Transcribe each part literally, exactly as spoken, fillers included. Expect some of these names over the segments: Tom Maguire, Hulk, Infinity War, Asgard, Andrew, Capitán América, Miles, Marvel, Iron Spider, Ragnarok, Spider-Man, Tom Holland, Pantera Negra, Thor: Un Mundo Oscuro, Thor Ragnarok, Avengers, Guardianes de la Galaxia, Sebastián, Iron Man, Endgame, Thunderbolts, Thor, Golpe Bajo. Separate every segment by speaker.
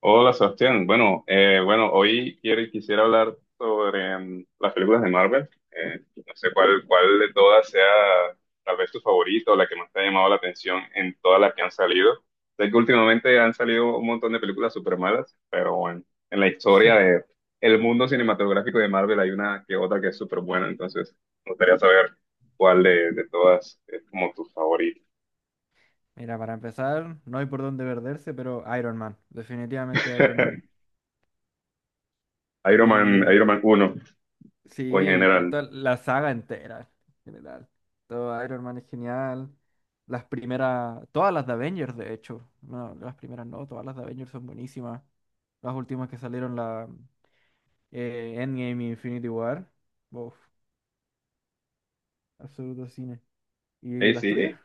Speaker 1: Hola Sebastián, bueno, eh, bueno, hoy quiero, quisiera hablar sobre mm, las películas de Marvel. Eh, no sé cuál, cuál de todas sea tal vez tu favorito o la que más te ha llamado la atención en todas las que han salido. Sé que últimamente han salido un montón de películas súper malas, pero bueno, en la historia de el mundo cinematográfico de Marvel hay una que otra que es súper buena, entonces me gustaría saber cuál de, de todas es como tu favorito.
Speaker 2: Mira, para empezar, no hay por dónde perderse, pero Iron Man, definitivamente Iron Man.
Speaker 1: Iron Man,
Speaker 2: Y
Speaker 1: Iron Man uno o en
Speaker 2: sí, con
Speaker 1: general.
Speaker 2: toda la saga entera, en general. Todo Iron Man es genial. Las primeras, todas las de Avengers, de hecho. No, las primeras no, todas las de Avengers son buenísimas. Las últimas que salieron, la eh, Endgame y Infinity War. Uf, absoluto cine. ¿Y
Speaker 1: Eh,
Speaker 2: las
Speaker 1: sí,
Speaker 2: tuyas?
Speaker 1: eh,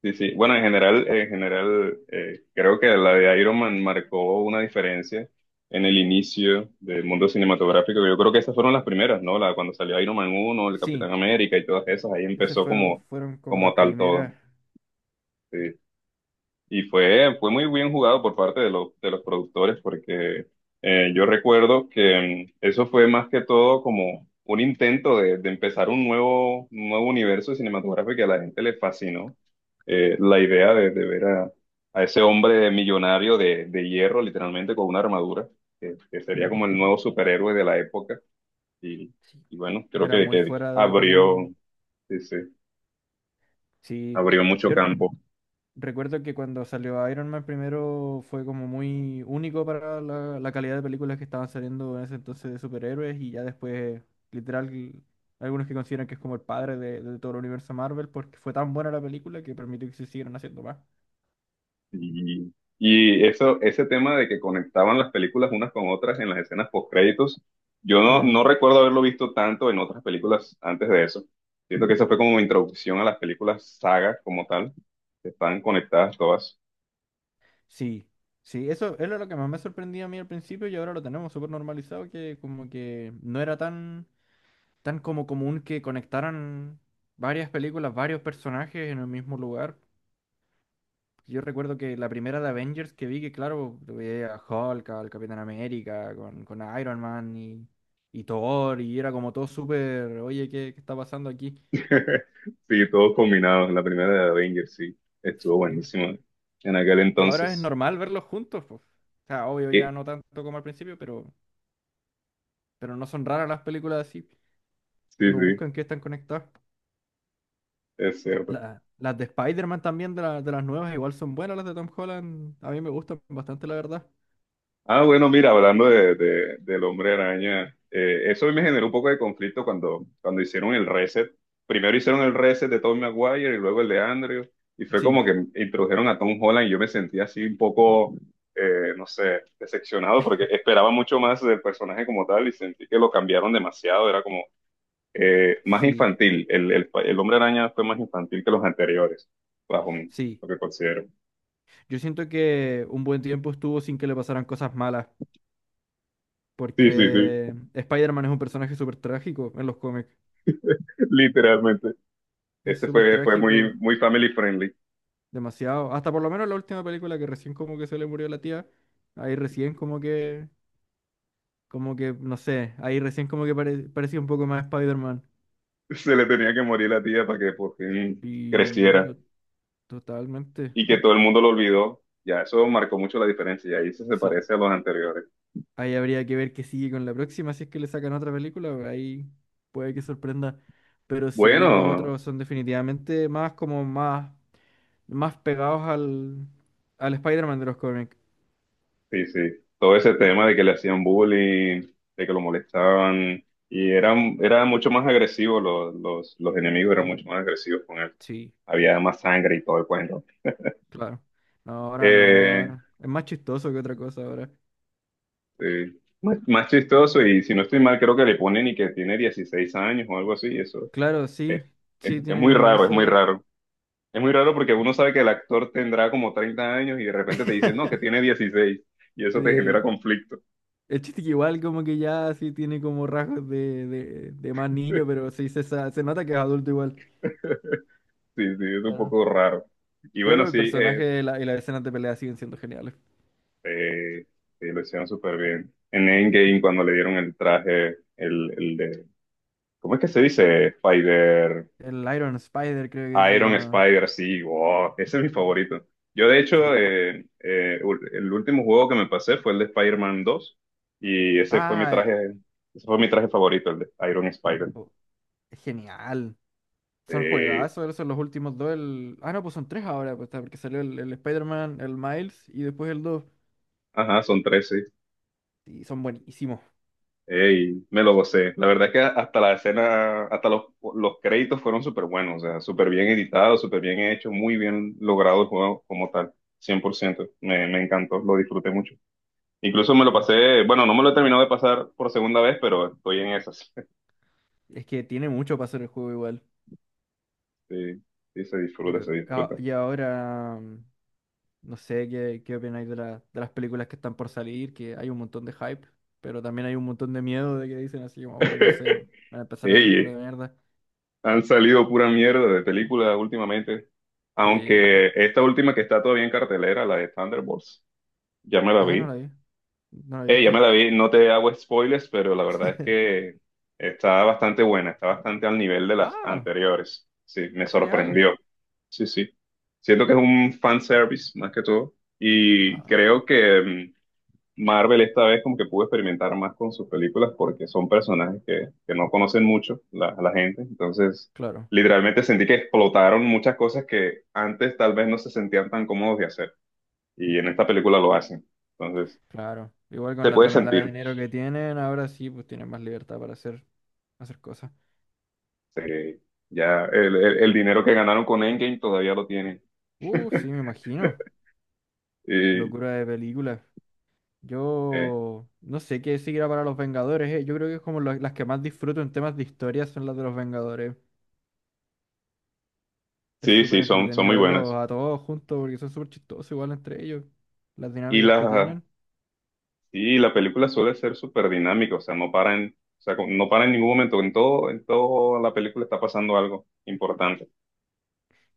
Speaker 1: sí, sí. Bueno, en general, en general, eh, creo que la de Iron Man marcó una diferencia en el inicio del mundo cinematográfico. Yo creo que esas fueron las primeras, ¿no? La, cuando salió Iron Man uno, el Capitán
Speaker 2: Sí,
Speaker 1: América y todas esas, ahí
Speaker 2: esas
Speaker 1: empezó
Speaker 2: fueron,
Speaker 1: como,
Speaker 2: fueron como
Speaker 1: como
Speaker 2: las
Speaker 1: tal todo.
Speaker 2: primeras.
Speaker 1: Sí. Y fue, fue muy bien jugado por parte de los, de los productores porque eh, yo recuerdo que mm, eso fue más que todo como un intento de, de empezar un nuevo, un nuevo universo cinematográfico que a la gente le fascinó. Eh, la idea de, de ver a, a ese hombre millonario de, de hierro, literalmente con una armadura, que, que sería como el nuevo superhéroe de la época. Y, y bueno, creo
Speaker 2: Era
Speaker 1: que,
Speaker 2: muy
Speaker 1: que
Speaker 2: fuera del
Speaker 1: abrió,
Speaker 2: común.
Speaker 1: sí, sí,
Speaker 2: Sí.
Speaker 1: abrió mucho
Speaker 2: Yo,
Speaker 1: campo.
Speaker 2: recuerdo que cuando salió Iron Man primero fue como muy único para la, la calidad de películas que estaban saliendo en ese entonces de superhéroes y ya después, literal, algunos que consideran que es como el padre de, de todo el universo Marvel porque fue tan buena la película que permitió que se siguieran haciendo más.
Speaker 1: Y, y eso, ese tema de que conectaban las películas unas con otras en las escenas postcréditos, yo no,
Speaker 2: Mm,
Speaker 1: no recuerdo haberlo visto tanto en otras películas antes de eso. Siento que esa fue como mi introducción a las películas saga como tal, que están conectadas todas.
Speaker 2: sí, sí, eso era lo que más me sorprendía a mí al principio y ahora lo tenemos súper normalizado que como que no era tan, tan como común que conectaran varias películas, varios personajes en el mismo lugar. Yo recuerdo que la primera de Avengers que vi, que claro, lo veía a Hulk, al Capitán América, con, con Iron Man y, y Thor, y era como todo súper, oye, ¿qué, qué está pasando aquí?
Speaker 1: Sí, todos combinados. La primera de Avengers, sí, estuvo
Speaker 2: Y,
Speaker 1: buenísima en aquel
Speaker 2: y ahora es
Speaker 1: entonces.
Speaker 2: normal verlos juntos, pues. O sea, obvio
Speaker 1: Eh,
Speaker 2: ya no tanto como al principio, pero, pero no son raras las películas así.
Speaker 1: Sí,
Speaker 2: Uno
Speaker 1: sí,
Speaker 2: busca en qué están conectadas.
Speaker 1: es cierto.
Speaker 2: La- las de Spider-Man también, de, la- de las nuevas, igual son buenas las de Tom Holland. A mí me gustan bastante, la verdad.
Speaker 1: Ah, bueno, mira, hablando de, de- del hombre araña, eh, eso me generó un poco de conflicto cuando, cuando hicieron el reset. Primero hicieron el reset de Tom Maguire y luego el de Andrew, y fue como
Speaker 2: Sí,
Speaker 1: que introdujeron a Tom Holland y yo me sentí así un poco, eh, no sé, decepcionado porque esperaba mucho más del personaje como tal y sentí que lo cambiaron demasiado, era como eh, más
Speaker 2: sí,
Speaker 1: infantil, el, el, el hombre araña fue más infantil que los anteriores, bajo mi-
Speaker 2: sí.
Speaker 1: lo que considero.
Speaker 2: Yo siento que un buen tiempo estuvo sin que le pasaran cosas malas,
Speaker 1: Sí, sí, sí,
Speaker 2: porque Spider-Man es un personaje súper trágico en los cómics.
Speaker 1: literalmente.
Speaker 2: Es
Speaker 1: Este
Speaker 2: súper
Speaker 1: fue, fue
Speaker 2: trágico,
Speaker 1: muy, muy family friendly.
Speaker 2: demasiado. Hasta por lo menos la última película que recién como que se le murió la tía, ahí recién como que, como que, no sé, ahí recién como que pare- parecía un poco más Spider-Man.
Speaker 1: Se le tenía que morir la tía para que por fin
Speaker 2: Y
Speaker 1: creciera
Speaker 2: no- Totalmente,
Speaker 1: y que todo el mundo lo olvidó. Ya, eso marcó mucho la diferencia y ahí se, se
Speaker 2: sí.
Speaker 1: parece a los anteriores.
Speaker 2: Ahí habría que ver qué sigue con la próxima, si es que le sacan otra película, pues ahí puede que sorprenda. Pero sí, los
Speaker 1: Bueno,
Speaker 2: otros son definitivamente más como más, más pegados al, al Spider-Man de los cómics.
Speaker 1: sí, sí. Todo ese tema de que le hacían bullying, de que lo molestaban y eran, era mucho más agresivos los, los, los enemigos, eran mucho más agresivos con él.
Speaker 2: Sí,
Speaker 1: Había más sangre y todo el cuento.
Speaker 2: claro. No, ahora no,
Speaker 1: Eh,
Speaker 2: ahora. Es más chistoso que otra cosa ahora.
Speaker 1: sí. Más, más chistoso y si no estoy mal, creo que le ponen y que tiene dieciséis años o algo así, eso.
Speaker 2: Claro, sí.
Speaker 1: Es, es-
Speaker 2: Sí,
Speaker 1: es
Speaker 2: tiene
Speaker 1: muy
Speaker 2: como
Speaker 1: raro, es
Speaker 2: eso.
Speaker 1: muy raro. Es muy raro porque uno sabe que el actor tendrá como treinta años y de repente te dicen, no, que tiene dieciséis. Y eso te genera
Speaker 2: Sí.
Speaker 1: conflicto.
Speaker 2: El chiste que igual como que ya sí tiene como rasgos de, de, de más niño, pero sí se, sa- se nota que es adulto igual.
Speaker 1: Sí, sí, es un
Speaker 2: Claro.
Speaker 1: poco raro. Y bueno,
Speaker 2: Pero el
Speaker 1: sí, eh,
Speaker 2: personaje y la, y las escenas de pelea siguen siendo geniales.
Speaker 1: eh, sí, lo hicieron súper bien. En Endgame, cuando le dieron el traje, el, el de, ¿cómo es que se dice? Spider.
Speaker 2: El Iron Spider creo que se
Speaker 1: Iron
Speaker 2: llama.
Speaker 1: Spider, sí, wow, ese es mi favorito. Yo, de hecho,
Speaker 2: Sí.
Speaker 1: eh, eh, ul- el último juego que me pasé fue el de Spider-Man dos y ese fue mi
Speaker 2: Ah, eh,
Speaker 1: traje, ese fue mi traje favorito, el de Iron Spider.
Speaker 2: oh, es genial. Son
Speaker 1: Eh,
Speaker 2: juegazos, esos son los últimos dos. el- Ah, no, pues son tres ahora, pues, está, porque salió el, el Spider-Man, el Miles y después el dos.
Speaker 1: ajá, son trece.
Speaker 2: Y son buenísimos.
Speaker 1: Y me lo gocé. La verdad es que hasta la escena, hasta los, los créditos fueron súper buenos, o sea, súper bien editados, súper bien hechos, muy bien logrado el juego como tal, cien por ciento. Me, me encantó, lo disfruté mucho. Incluso me lo
Speaker 2: Sí, un-
Speaker 1: pasé, bueno, no me lo he terminado de pasar por segunda vez, pero estoy en esas.
Speaker 2: es que tiene mucho para hacer el juego igual.
Speaker 1: Sí, sí se disfruta,
Speaker 2: Yo-
Speaker 1: se
Speaker 2: ah,
Speaker 1: disfruta.
Speaker 2: y ahora, mm, no sé qué, qué opináis de, la- de las películas que están por salir, que hay un montón de hype, pero también hay un montón de miedo de que dicen así, como, uy, no sé, van a empezar a hacer pura
Speaker 1: Ey,
Speaker 2: mierda.
Speaker 1: han salido pura mierda de películas últimamente,
Speaker 2: Sí.
Speaker 1: aunque esta última que está todavía en cartelera, la de Thunderbolts, ya me la
Speaker 2: Ah, no la
Speaker 1: vi.
Speaker 2: vi, no la he
Speaker 1: Eh, ya me
Speaker 2: visto.
Speaker 1: la vi, no te hago spoilers, pero la verdad es que está bastante buena, está bastante al nivel de las
Speaker 2: Ah,
Speaker 1: anteriores. Sí, me
Speaker 2: ah, genial.
Speaker 1: sorprendió. Sí, sí. Siento que es un fan service más que todo y
Speaker 2: Ah,
Speaker 1: creo que mm, Marvel esta vez como que pudo experimentar más con sus películas porque son personajes que, que no conocen mucho la, la gente. Entonces,
Speaker 2: claro.
Speaker 1: literalmente sentí que explotaron muchas cosas que antes tal vez no se sentían tan cómodos de hacer. Y en esta película lo hacen. Entonces,
Speaker 2: Claro. Igual con
Speaker 1: se
Speaker 2: la
Speaker 1: puede
Speaker 2: tonelada
Speaker 1: sentir.
Speaker 2: de dinero que tienen, ahora sí, pues tienen más libertad para hacer, hacer cosas.
Speaker 1: Se- ya el, el- el dinero que ganaron con Endgame todavía lo tienen.
Speaker 2: Uh, sí, me imagino.
Speaker 1: Y,
Speaker 2: Locura de película.
Speaker 1: eh,
Speaker 2: Yo no sé qué seguirá para los Vengadores, eh. Yo creo que es como la- las que más disfruto en temas de historia son las de los Vengadores. Es
Speaker 1: sí,
Speaker 2: súper
Speaker 1: sí, son, son
Speaker 2: entretenido
Speaker 1: muy
Speaker 2: verlos
Speaker 1: buenas.
Speaker 2: a todos juntos porque son súper chistosos igual entre ellos. Las
Speaker 1: Y
Speaker 2: dinámicas que
Speaker 1: las,
Speaker 2: tienen.
Speaker 1: Sí, la película suele ser súper dinámica, o sea, no para en, o sea, como- no para en ningún momento, en todo, en toda la película está pasando algo importante.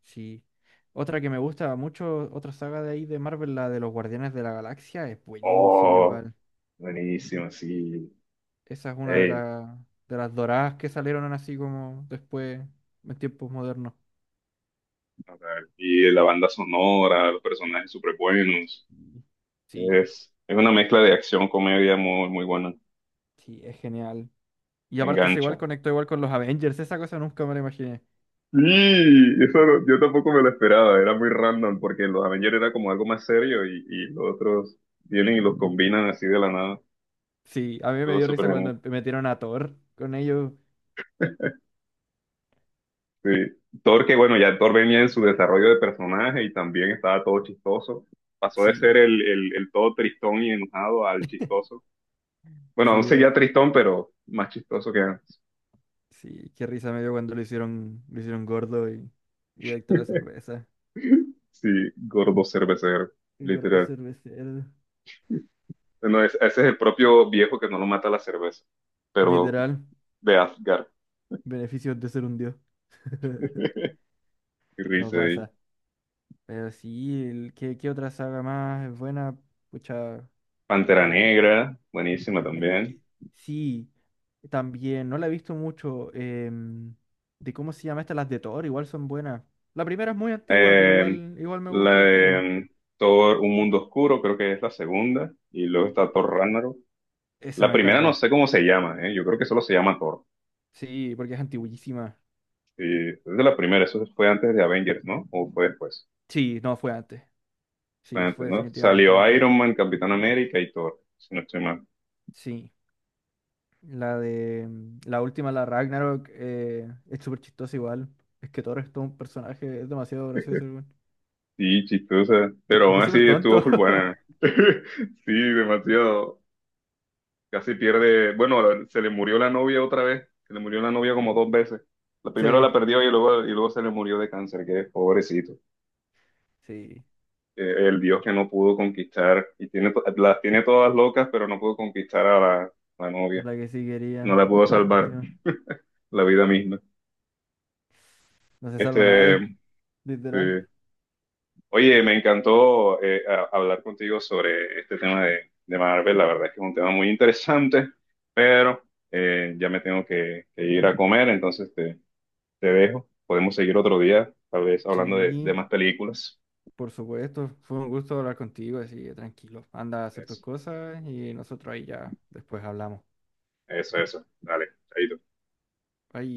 Speaker 2: Sí. Otra que me gusta mucho, otra saga de ahí de Marvel, la de los Guardianes de la Galaxia, es buenísima
Speaker 1: Oh,
Speaker 2: igual.
Speaker 1: buenísimo, sí.
Speaker 2: Esa es una de,
Speaker 1: Ey,
Speaker 2: la- de las doradas que salieron así como después, en tiempos modernos.
Speaker 1: o sea, y la banda sonora, los personajes súper buenos.
Speaker 2: Y sí,
Speaker 1: Es, es una mezcla de acción, comedia muy, muy buena,
Speaker 2: sí, es genial. Y
Speaker 1: te
Speaker 2: aparte se igual
Speaker 1: engancha.
Speaker 2: conectó igual con los Avengers, esa cosa nunca me la imaginé.
Speaker 1: Sí, eso no- yo tampoco me lo esperaba, era muy random, porque los Avengers era como algo más serio y, y los otros vienen y los combinan así de la nada.
Speaker 2: Sí, a mí me
Speaker 1: Estuvo
Speaker 2: dio
Speaker 1: súper
Speaker 2: risa
Speaker 1: genial.
Speaker 2: cuando metieron a Thor con ellos.
Speaker 1: Sí. Thor, que bueno, ya Thor venía en su desarrollo de personaje y también estaba todo chistoso. Pasó de ser
Speaker 2: Sí,
Speaker 1: el, el, el todo tristón y enojado al chistoso. Bueno, aún
Speaker 2: sí, de
Speaker 1: seguía
Speaker 2: bueno.
Speaker 1: tristón, pero más chistoso que antes.
Speaker 2: Sí, qué risa me dio cuando lo hicieron, lo hicieron gordo y, y adicto a la cerveza.
Speaker 1: Sí, gordo cervecero,
Speaker 2: El gordo
Speaker 1: literal.
Speaker 2: cervecero.
Speaker 1: Bueno, es- ese es el propio viejo que no lo mata la cerveza, pero
Speaker 2: Literal,
Speaker 1: de Asgard
Speaker 2: beneficios de ser un dios.
Speaker 1: y
Speaker 2: No
Speaker 1: risa ahí.
Speaker 2: pasa. Pero sí, el- ¿qué, qué otra saga más es buena? Pucha.
Speaker 1: Pantera
Speaker 2: eh,
Speaker 1: Negra, buenísima
Speaker 2: n-
Speaker 1: también.
Speaker 2: eh, sí, también. No la he visto mucho. Em, de cómo se llama esta, las de Thor, igual son buenas. La primera es muy antigua, pero
Speaker 1: Eh,
Speaker 2: igual, igual me
Speaker 1: la
Speaker 2: gusta la
Speaker 1: de,
Speaker 2: historia.
Speaker 1: mm, Thor, Un Mundo Oscuro, creo que es la segunda. Y luego está Thor Ragnarok.
Speaker 2: Esa
Speaker 1: La
Speaker 2: me
Speaker 1: primera no
Speaker 2: encanta.
Speaker 1: sé cómo se llama, ¿eh? Yo creo que solo se llama Thor.
Speaker 2: Sí, porque es antiguísima.
Speaker 1: Y es de la primera, eso fue antes de Avengers, ¿no? ¿O fue después?
Speaker 2: Sí, no, fue antes.
Speaker 1: Fue
Speaker 2: Sí,
Speaker 1: antes,
Speaker 2: fue
Speaker 1: ¿no?
Speaker 2: definitivamente
Speaker 1: Salió
Speaker 2: antes.
Speaker 1: Iron Man, Capitán América y Thor, si no estoy mal.
Speaker 2: Sí. La de. mm, La última, la Ragnarok, eh, es súper chistosa igual. Es que Thor es todo un personaje, es demasiado gracioso, weón.
Speaker 1: Sí, chistosa, pero
Speaker 2: Es que
Speaker 1: aún
Speaker 2: es
Speaker 1: así
Speaker 2: súper
Speaker 1: estuvo
Speaker 2: tonto.
Speaker 1: full buena. Sí, demasiado. Casi pierde, bueno, se le murió la novia otra vez, se le murió la novia como dos veces. La primero la
Speaker 2: Sí,
Speaker 1: perdió y luego, y luego se le murió de cáncer, que pobrecito.
Speaker 2: sí.
Speaker 1: Eh, el dios que no pudo conquistar y tiene, to- las tiene todas locas, pero no pudo conquistar a la, la
Speaker 2: A
Speaker 1: novia.
Speaker 2: la que sí
Speaker 1: No
Speaker 2: quería.
Speaker 1: la puedo salvar,
Speaker 2: Lástima.
Speaker 1: la vida misma.
Speaker 2: No se salva
Speaker 1: Este,
Speaker 2: nadie, literal.
Speaker 1: sí. Oye, me encantó eh, a- hablar contigo sobre este tema de, de Marvel, la verdad es que es un tema muy interesante, pero eh, ya me tengo que, que ir a comer, entonces te, te dejo. Podemos seguir otro día, tal vez hablando de, de
Speaker 2: Sí,
Speaker 1: más películas.
Speaker 2: por supuesto. Fue un gusto hablar contigo, así que tranquilo. Anda a hacer tus
Speaker 1: Eso,
Speaker 2: cosas y nosotros ahí ya después hablamos.
Speaker 1: eso, eso. Dale, chaito.
Speaker 2: Bye.